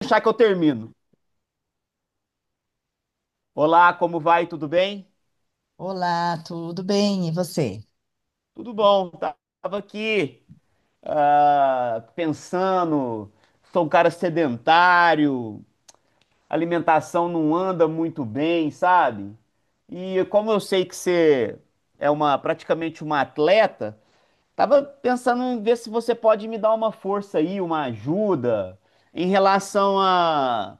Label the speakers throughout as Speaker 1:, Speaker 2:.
Speaker 1: Deixar que eu termino. Olá, como vai? Tudo bem?
Speaker 2: Olá, tudo bem? E você?
Speaker 1: Tudo bom. Tava aqui, pensando, sou um cara sedentário, alimentação não anda muito bem, sabe? E como eu sei que você é uma praticamente uma atleta, tava pensando em ver se você pode me dar uma força aí, uma ajuda em relação a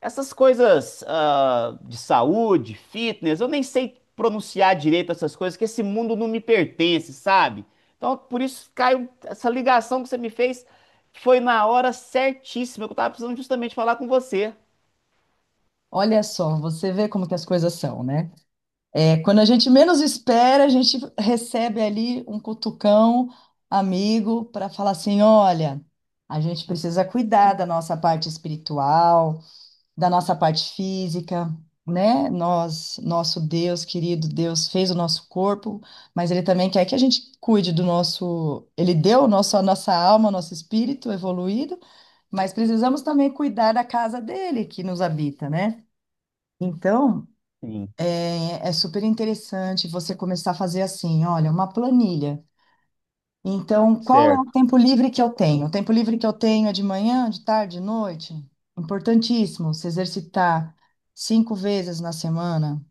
Speaker 1: essas coisas, de saúde, fitness. Eu nem sei pronunciar direito essas coisas, que esse mundo não me pertence, sabe? Então, por isso caiu essa ligação que você me fez, foi na hora certíssima que eu tava precisando justamente falar com você.
Speaker 2: Olha só, você vê como que as coisas são, né? É, quando a gente menos espera, a gente recebe ali um cutucão amigo para falar assim: olha, a gente precisa cuidar da nossa parte espiritual, da nossa parte física, né? Nós, nosso Deus querido, Deus fez o nosso corpo, mas Ele também quer que a gente cuide do nosso. Ele deu o nosso, a nossa alma, nosso espírito evoluído. Mas precisamos também cuidar da casa dele que nos habita, né? Então,
Speaker 1: Sim,
Speaker 2: é super interessante você começar a fazer assim, olha, uma planilha. Então, qual é o
Speaker 1: certo.
Speaker 2: tempo livre que eu tenho? O tempo livre que eu tenho é de manhã, de tarde, de noite? Importantíssimo se exercitar cinco vezes na semana.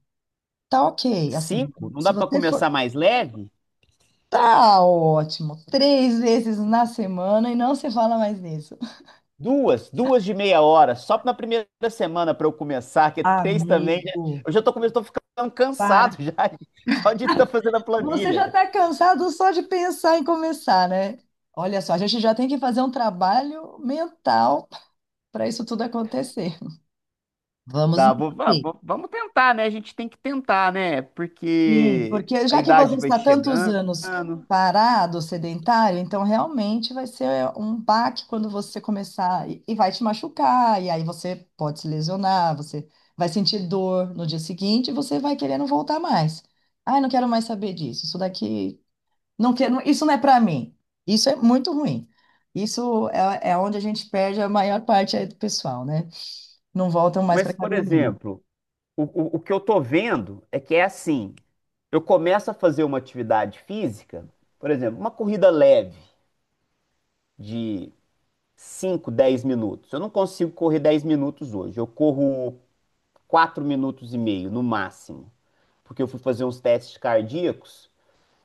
Speaker 2: Tá ok, assim,
Speaker 1: Cinco, não
Speaker 2: se
Speaker 1: dá pra
Speaker 2: você for,
Speaker 1: começar mais leve?
Speaker 2: tá ótimo, três vezes na semana e não se fala mais nisso.
Speaker 1: Duas, duas de meia hora, só na primeira semana pra eu começar, que é três também.
Speaker 2: Amigo,
Speaker 1: Eu já tô começando, tô ficando cansado
Speaker 2: para.
Speaker 1: já, só de estar fazendo a
Speaker 2: Você já
Speaker 1: planilha.
Speaker 2: está cansado só de pensar em começar, né? Olha só, a gente já tem que fazer um trabalho mental para isso tudo acontecer. Vamos
Speaker 1: Tá,
Speaker 2: então ter.
Speaker 1: vamos tentar, né? A gente tem que tentar, né?
Speaker 2: Sim,
Speaker 1: Porque
Speaker 2: porque
Speaker 1: a
Speaker 2: já que você
Speaker 1: idade vai
Speaker 2: está tantos
Speaker 1: chegando.
Speaker 2: anos parado, sedentário, então realmente vai ser um baque quando você começar e vai te machucar, e aí você pode se lesionar, você vai sentir dor no dia seguinte e você vai querendo voltar mais. Ai, não quero mais saber disso. Isso daqui. Não quero, isso não é para mim. Isso é muito ruim. Isso é onde a gente perde a maior parte aí do pessoal, né? Não voltam mais para
Speaker 1: Mas, por
Speaker 2: academia.
Speaker 1: exemplo, o que eu tô vendo é que é assim: eu começo a fazer uma atividade física, por exemplo, uma corrida leve de cinco, 10 minutos. Eu não consigo correr 10 minutos hoje, eu corro 4 minutos e meio no máximo, porque eu fui fazer uns testes cardíacos.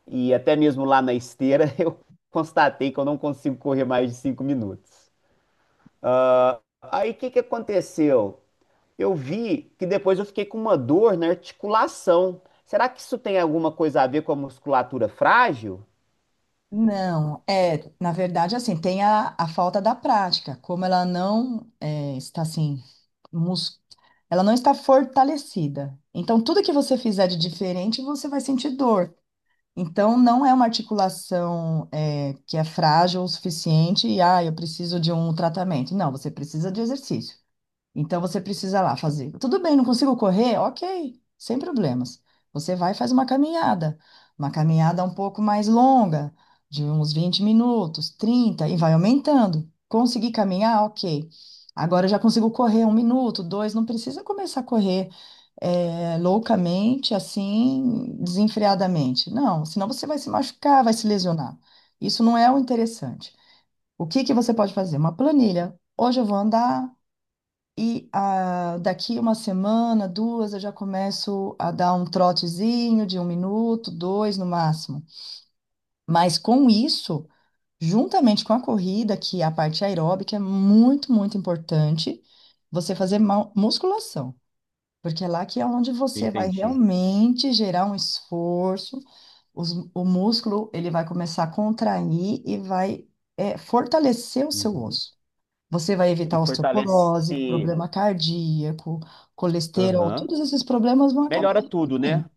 Speaker 1: E até mesmo lá na esteira, eu constatei que eu não consigo correr mais de 5 minutos. Aí o que que aconteceu? Eu vi que depois eu fiquei com uma dor na articulação. Será que isso tem alguma coisa a ver com a musculatura frágil?
Speaker 2: Não, é, na verdade, assim, tem a falta da prática, como ela não é, está assim, mus... ela não está fortalecida. Então, tudo que você fizer de diferente, você vai sentir dor. Então, não é uma articulação é, que é frágil o suficiente e, eu preciso de um tratamento. Não, você precisa de exercício. Então você precisa lá fazer. Tudo bem, não consigo correr? Ok, sem problemas. Você vai e faz uma caminhada um pouco mais longa, de uns 20 minutos, 30 e vai aumentando. Consegui caminhar? Ok. Agora eu já consigo correr um minuto, dois, não precisa começar a correr loucamente, assim, desenfreadamente. Não, senão você vai se machucar, vai se lesionar. Isso não é o interessante. O que que você pode fazer? Uma planilha. Hoje eu vou andar. E daqui uma semana, duas, eu já começo a dar um trotezinho de um minuto, dois no máximo. Mas com isso, juntamente com a corrida, que é a parte aeróbica é muito, muito importante, você fazer musculação. Porque é lá que é onde você vai
Speaker 1: Entendi.
Speaker 2: realmente gerar um esforço, o músculo ele vai começar a contrair e vai fortalecer o seu
Speaker 1: Uhum.
Speaker 2: osso. Você vai
Speaker 1: E
Speaker 2: evitar osteoporose,
Speaker 1: fortalece.
Speaker 2: problema cardíaco, colesterol,
Speaker 1: Aham.
Speaker 2: todos esses problemas vão acabar
Speaker 1: Melhora tudo, né?
Speaker 2: diminuindo.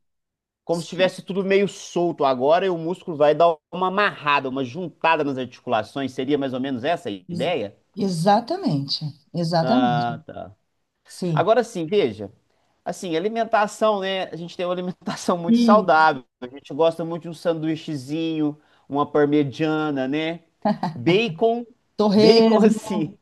Speaker 1: Como se
Speaker 2: Sim,
Speaker 1: tivesse tudo meio solto agora e o músculo vai dar uma amarrada, uma juntada nas articulações. Seria mais ou menos essa a
Speaker 2: ex-
Speaker 1: ideia?
Speaker 2: exatamente, exatamente.
Speaker 1: Ah, tá.
Speaker 2: Sim.
Speaker 1: Agora sim, veja. Assim, alimentação, né? A gente tem uma alimentação muito
Speaker 2: E
Speaker 1: saudável. A gente gosta muito de um sanduíchezinho, uma parmegiana, né? Bacon, bacon
Speaker 2: torresmo,
Speaker 1: assim.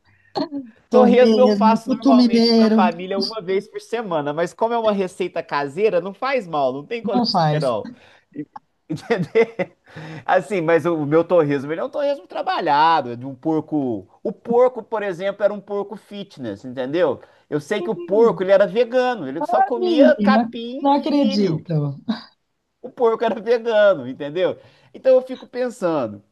Speaker 1: Torresmo eu
Speaker 2: torresmo,
Speaker 1: faço
Speaker 2: tutu
Speaker 1: normalmente para a
Speaker 2: mineiro,
Speaker 1: família uma vez por semana, mas como é uma receita caseira, não faz mal, não tem
Speaker 2: não faz.
Speaker 1: colesterol. Entendeu? Assim, mas o meu torresmo, ele é um torresmo trabalhado, é de um porco. O porco, por exemplo, era um porco fitness, entendeu? Eu sei que o
Speaker 2: Hum,
Speaker 1: porco, ele era vegano, ele só comia
Speaker 2: Menina, não
Speaker 1: capim e milho.
Speaker 2: acredito.
Speaker 1: O porco era vegano, entendeu? Então eu fico pensando,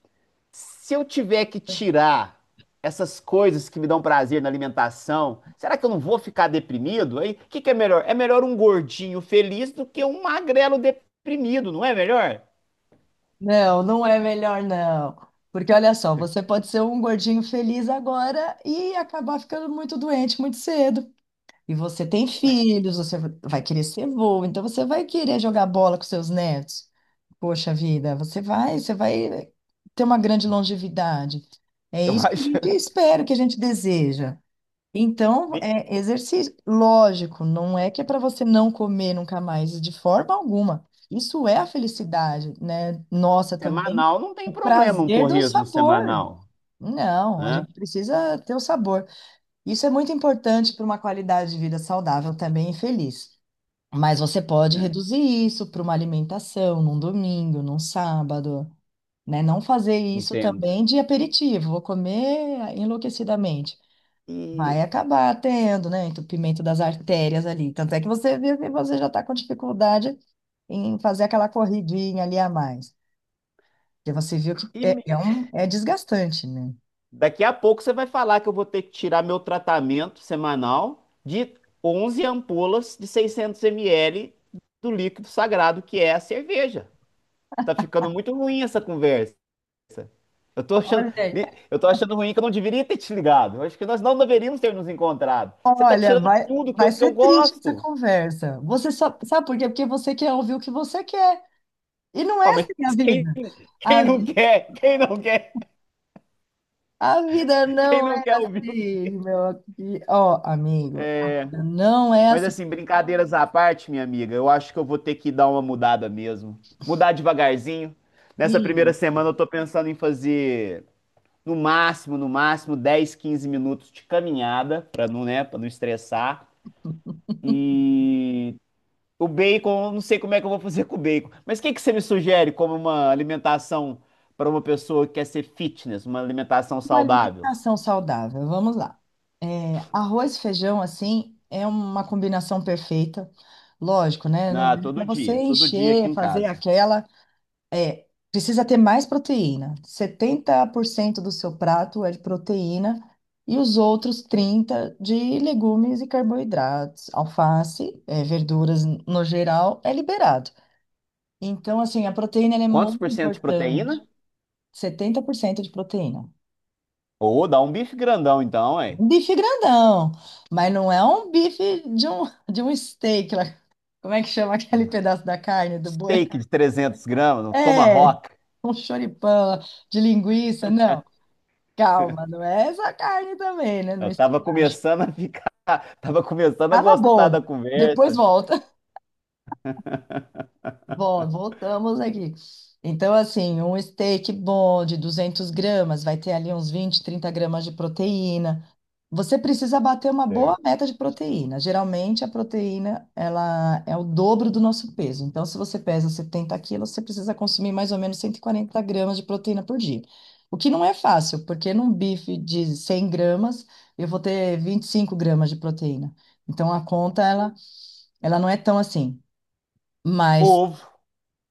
Speaker 1: se eu tiver que tirar essas coisas que me dão prazer na alimentação, será que eu não vou ficar deprimido? Aí, o que que é melhor? É melhor um gordinho feliz do que um magrelo deprimido, não é melhor?
Speaker 2: Não, não é melhor não. Porque olha só, você pode ser um gordinho feliz agora e acabar ficando muito doente muito cedo. E você tem filhos, você vai querer ser vô, então você vai querer jogar bola com seus netos. Poxa vida, você vai ter uma grande longevidade. É
Speaker 1: Eu
Speaker 2: isso que a
Speaker 1: acho.
Speaker 2: gente espera, que a gente deseja. Então, é exercício, lógico, não é que é para você não comer nunca mais, de forma alguma. Isso é a felicidade, né? Nossa, também
Speaker 1: Semanal, não tem
Speaker 2: o
Speaker 1: problema um
Speaker 2: prazer do
Speaker 1: torresmo
Speaker 2: sabor.
Speaker 1: semanal,
Speaker 2: Não, a
Speaker 1: né?
Speaker 2: gente precisa ter o sabor. Isso é muito importante para uma qualidade de vida saudável também e feliz. Mas você pode
Speaker 1: É,
Speaker 2: reduzir isso para uma alimentação num domingo, num sábado, né? Não fazer isso
Speaker 1: entendo.
Speaker 2: também de aperitivo, vou comer enlouquecidamente. Vai
Speaker 1: E,
Speaker 2: acabar tendo, né, entupimento das artérias ali. Tanto é que você vê que você já está com dificuldade em fazer aquela corridinha ali a mais. Porque você viu que
Speaker 1: e
Speaker 2: é
Speaker 1: me-
Speaker 2: um, é desgastante, né?
Speaker 1: Daqui a pouco você vai falar que eu vou ter que tirar meu tratamento semanal de 11 ampolas de 600 ml do líquido sagrado que é a cerveja. Tá ficando muito ruim essa conversa. Eu tô achando,
Speaker 2: Olha,
Speaker 1: eu tô achando ruim que eu não deveria ter te ligado. Eu acho que nós não deveríamos ter nos encontrado. Você tá
Speaker 2: Olha,
Speaker 1: tirando
Speaker 2: vai,
Speaker 1: tudo que eu,
Speaker 2: vai
Speaker 1: que
Speaker 2: ser
Speaker 1: eu
Speaker 2: triste essa
Speaker 1: gosto.
Speaker 2: conversa. Você só, sabe por quê? Porque você quer ouvir o que você quer. E não
Speaker 1: Ah,
Speaker 2: é
Speaker 1: mas
Speaker 2: assim a
Speaker 1: quem,
Speaker 2: vida.
Speaker 1: quem
Speaker 2: A,
Speaker 1: não quer? Quem não quer?
Speaker 2: a vida
Speaker 1: Quem
Speaker 2: não
Speaker 1: não
Speaker 2: é
Speaker 1: quer ouvir o que?
Speaker 2: assim, meu. E, ó, amigo, a vida não é
Speaker 1: Mas
Speaker 2: assim.
Speaker 1: assim, brincadeiras à parte, minha amiga, eu acho que eu vou ter que dar uma mudada mesmo. Mudar devagarzinho. Nessa primeira
Speaker 2: E
Speaker 1: semana eu tô pensando em fazer no máximo, no máximo 10, 15 minutos de caminhada, pra não, né, para não estressar. E o bacon, eu não sei como é que eu vou fazer com o bacon. Mas o que que você me sugere como uma alimentação para uma pessoa que quer ser fitness, uma alimentação
Speaker 2: uma
Speaker 1: saudável?
Speaker 2: alimentação saudável, vamos lá. É, arroz e feijão, assim, é uma combinação perfeita. Lógico, né? Não
Speaker 1: Ah,
Speaker 2: é para você
Speaker 1: todo dia aqui
Speaker 2: encher,
Speaker 1: em
Speaker 2: fazer
Speaker 1: casa.
Speaker 2: aquela. É, precisa ter mais proteína. 70% do seu prato é de proteína e os outros 30% de legumes e carboidratos. Alface, é, verduras no geral, é liberado. Então, assim, a proteína ela é
Speaker 1: Quantos
Speaker 2: muito
Speaker 1: por cento de
Speaker 2: importante.
Speaker 1: proteína?
Speaker 2: 70% de proteína.
Speaker 1: Ou dá um bife grandão então, hein?
Speaker 2: Um bife grandão, mas não é um bife de um, steak lá. Como é que chama aquele pedaço da carne do boi?
Speaker 1: Steak de 300 gramas, um
Speaker 2: É,
Speaker 1: tomahawk.
Speaker 2: um choripão de linguiça, não. Calma, não é essa carne também, né? Não
Speaker 1: Eu tava
Speaker 2: estupacha.
Speaker 1: começando a ficar, tava começando a
Speaker 2: Tava
Speaker 1: gostar
Speaker 2: bom.
Speaker 1: da
Speaker 2: Depois
Speaker 1: conversa.
Speaker 2: volta. Bom, voltamos aqui. Então, assim, um steak bom de 200 gramas vai ter ali uns 20, 30 gramas de proteína. Você precisa bater uma boa
Speaker 1: Certo.
Speaker 2: meta de proteína. Geralmente, a proteína, ela é o dobro do nosso peso. Então, se você pesa 70 quilos, você precisa consumir mais ou menos 140 gramas de proteína por dia. O que não é fácil, porque num bife de 100 gramas, eu vou ter 25 gramas de proteína. Então, a conta, ela não é tão assim. Mas
Speaker 1: Ovo.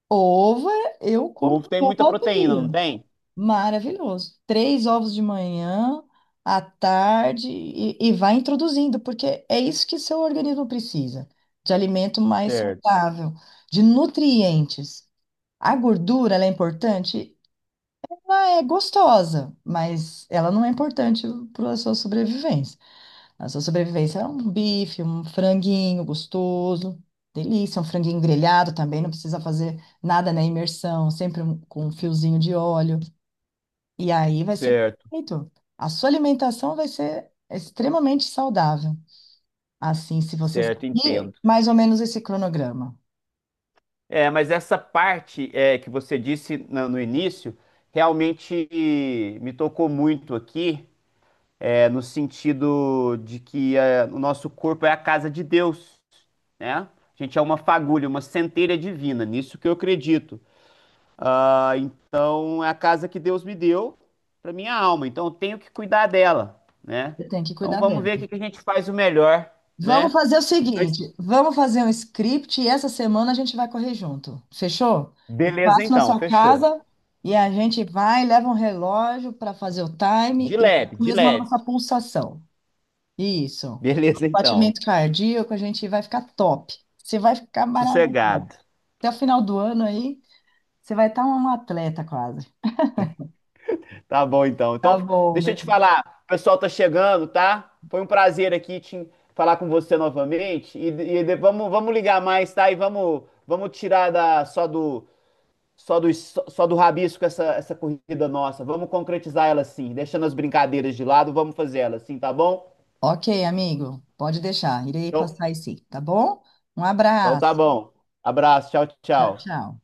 Speaker 2: ovo eu
Speaker 1: O
Speaker 2: como
Speaker 1: ovo tem muita
Speaker 2: todo
Speaker 1: proteína, não
Speaker 2: dia.
Speaker 1: tem?
Speaker 2: Maravilhoso. Três ovos de manhã, à tarde, e vai introduzindo, porque é isso que seu organismo precisa, de alimento mais
Speaker 1: Certo,
Speaker 2: saudável, de nutrientes. A gordura, ela é importante? Ela é gostosa, mas ela não é importante para a sua sobrevivência. A sua sobrevivência é um bife, um franguinho gostoso, delícia, um franguinho grelhado também, não precisa fazer nada na imersão, sempre com um fiozinho de óleo. E aí vai ser
Speaker 1: certo,
Speaker 2: perfeito. A sua alimentação vai ser extremamente saudável. Assim, se você
Speaker 1: certo,
Speaker 2: seguir
Speaker 1: entendo.
Speaker 2: mais ou menos esse cronograma,
Speaker 1: É, mas essa parte, que você disse no início, realmente me tocou muito aqui, é, no sentido de que é, o nosso corpo é a casa de Deus, né? A gente é uma fagulha, uma centelha divina, nisso que eu acredito. Ah, então é a casa que Deus me deu para minha alma, então eu tenho que cuidar dela, né?
Speaker 2: você tem que
Speaker 1: Então
Speaker 2: cuidar
Speaker 1: vamos
Speaker 2: dela.
Speaker 1: ver o que que a gente faz o melhor,
Speaker 2: Vamos
Speaker 1: né?
Speaker 2: fazer o
Speaker 1: Mas
Speaker 2: seguinte, vamos fazer um script e essa semana a gente vai correr junto. Fechou? Eu
Speaker 1: beleza
Speaker 2: passo na
Speaker 1: então,
Speaker 2: sua
Speaker 1: fechou.
Speaker 2: casa e a gente vai, leva um relógio para fazer o time
Speaker 1: De
Speaker 2: e
Speaker 1: leve, de
Speaker 2: mesmo a
Speaker 1: leve.
Speaker 2: nossa pulsação. Isso.
Speaker 1: Beleza então.
Speaker 2: Batimento cardíaco, a gente vai ficar top. Você vai ficar maravilhoso.
Speaker 1: Sossegado.
Speaker 2: Até o final do ano aí, você vai estar um atleta quase.
Speaker 1: Tá bom, então.
Speaker 2: Tá
Speaker 1: Então,
Speaker 2: bom,
Speaker 1: deixa
Speaker 2: né?
Speaker 1: eu te falar. O pessoal tá chegando, tá? Foi um prazer aqui te falar com você novamente. Vamos ligar mais, tá? E vamos tirar da, só do rabisco essa corrida nossa. Vamos concretizar ela, sim. Deixando as brincadeiras de lado, vamos fazer ela sim, tá bom?
Speaker 2: Ok, amigo, pode deixar. Irei
Speaker 1: Então,
Speaker 2: passar aí sim, tá bom? Um
Speaker 1: então tá
Speaker 2: abraço.
Speaker 1: bom. Abraço, tchau,
Speaker 2: Tchau,
Speaker 1: tchau.
Speaker 2: tchau.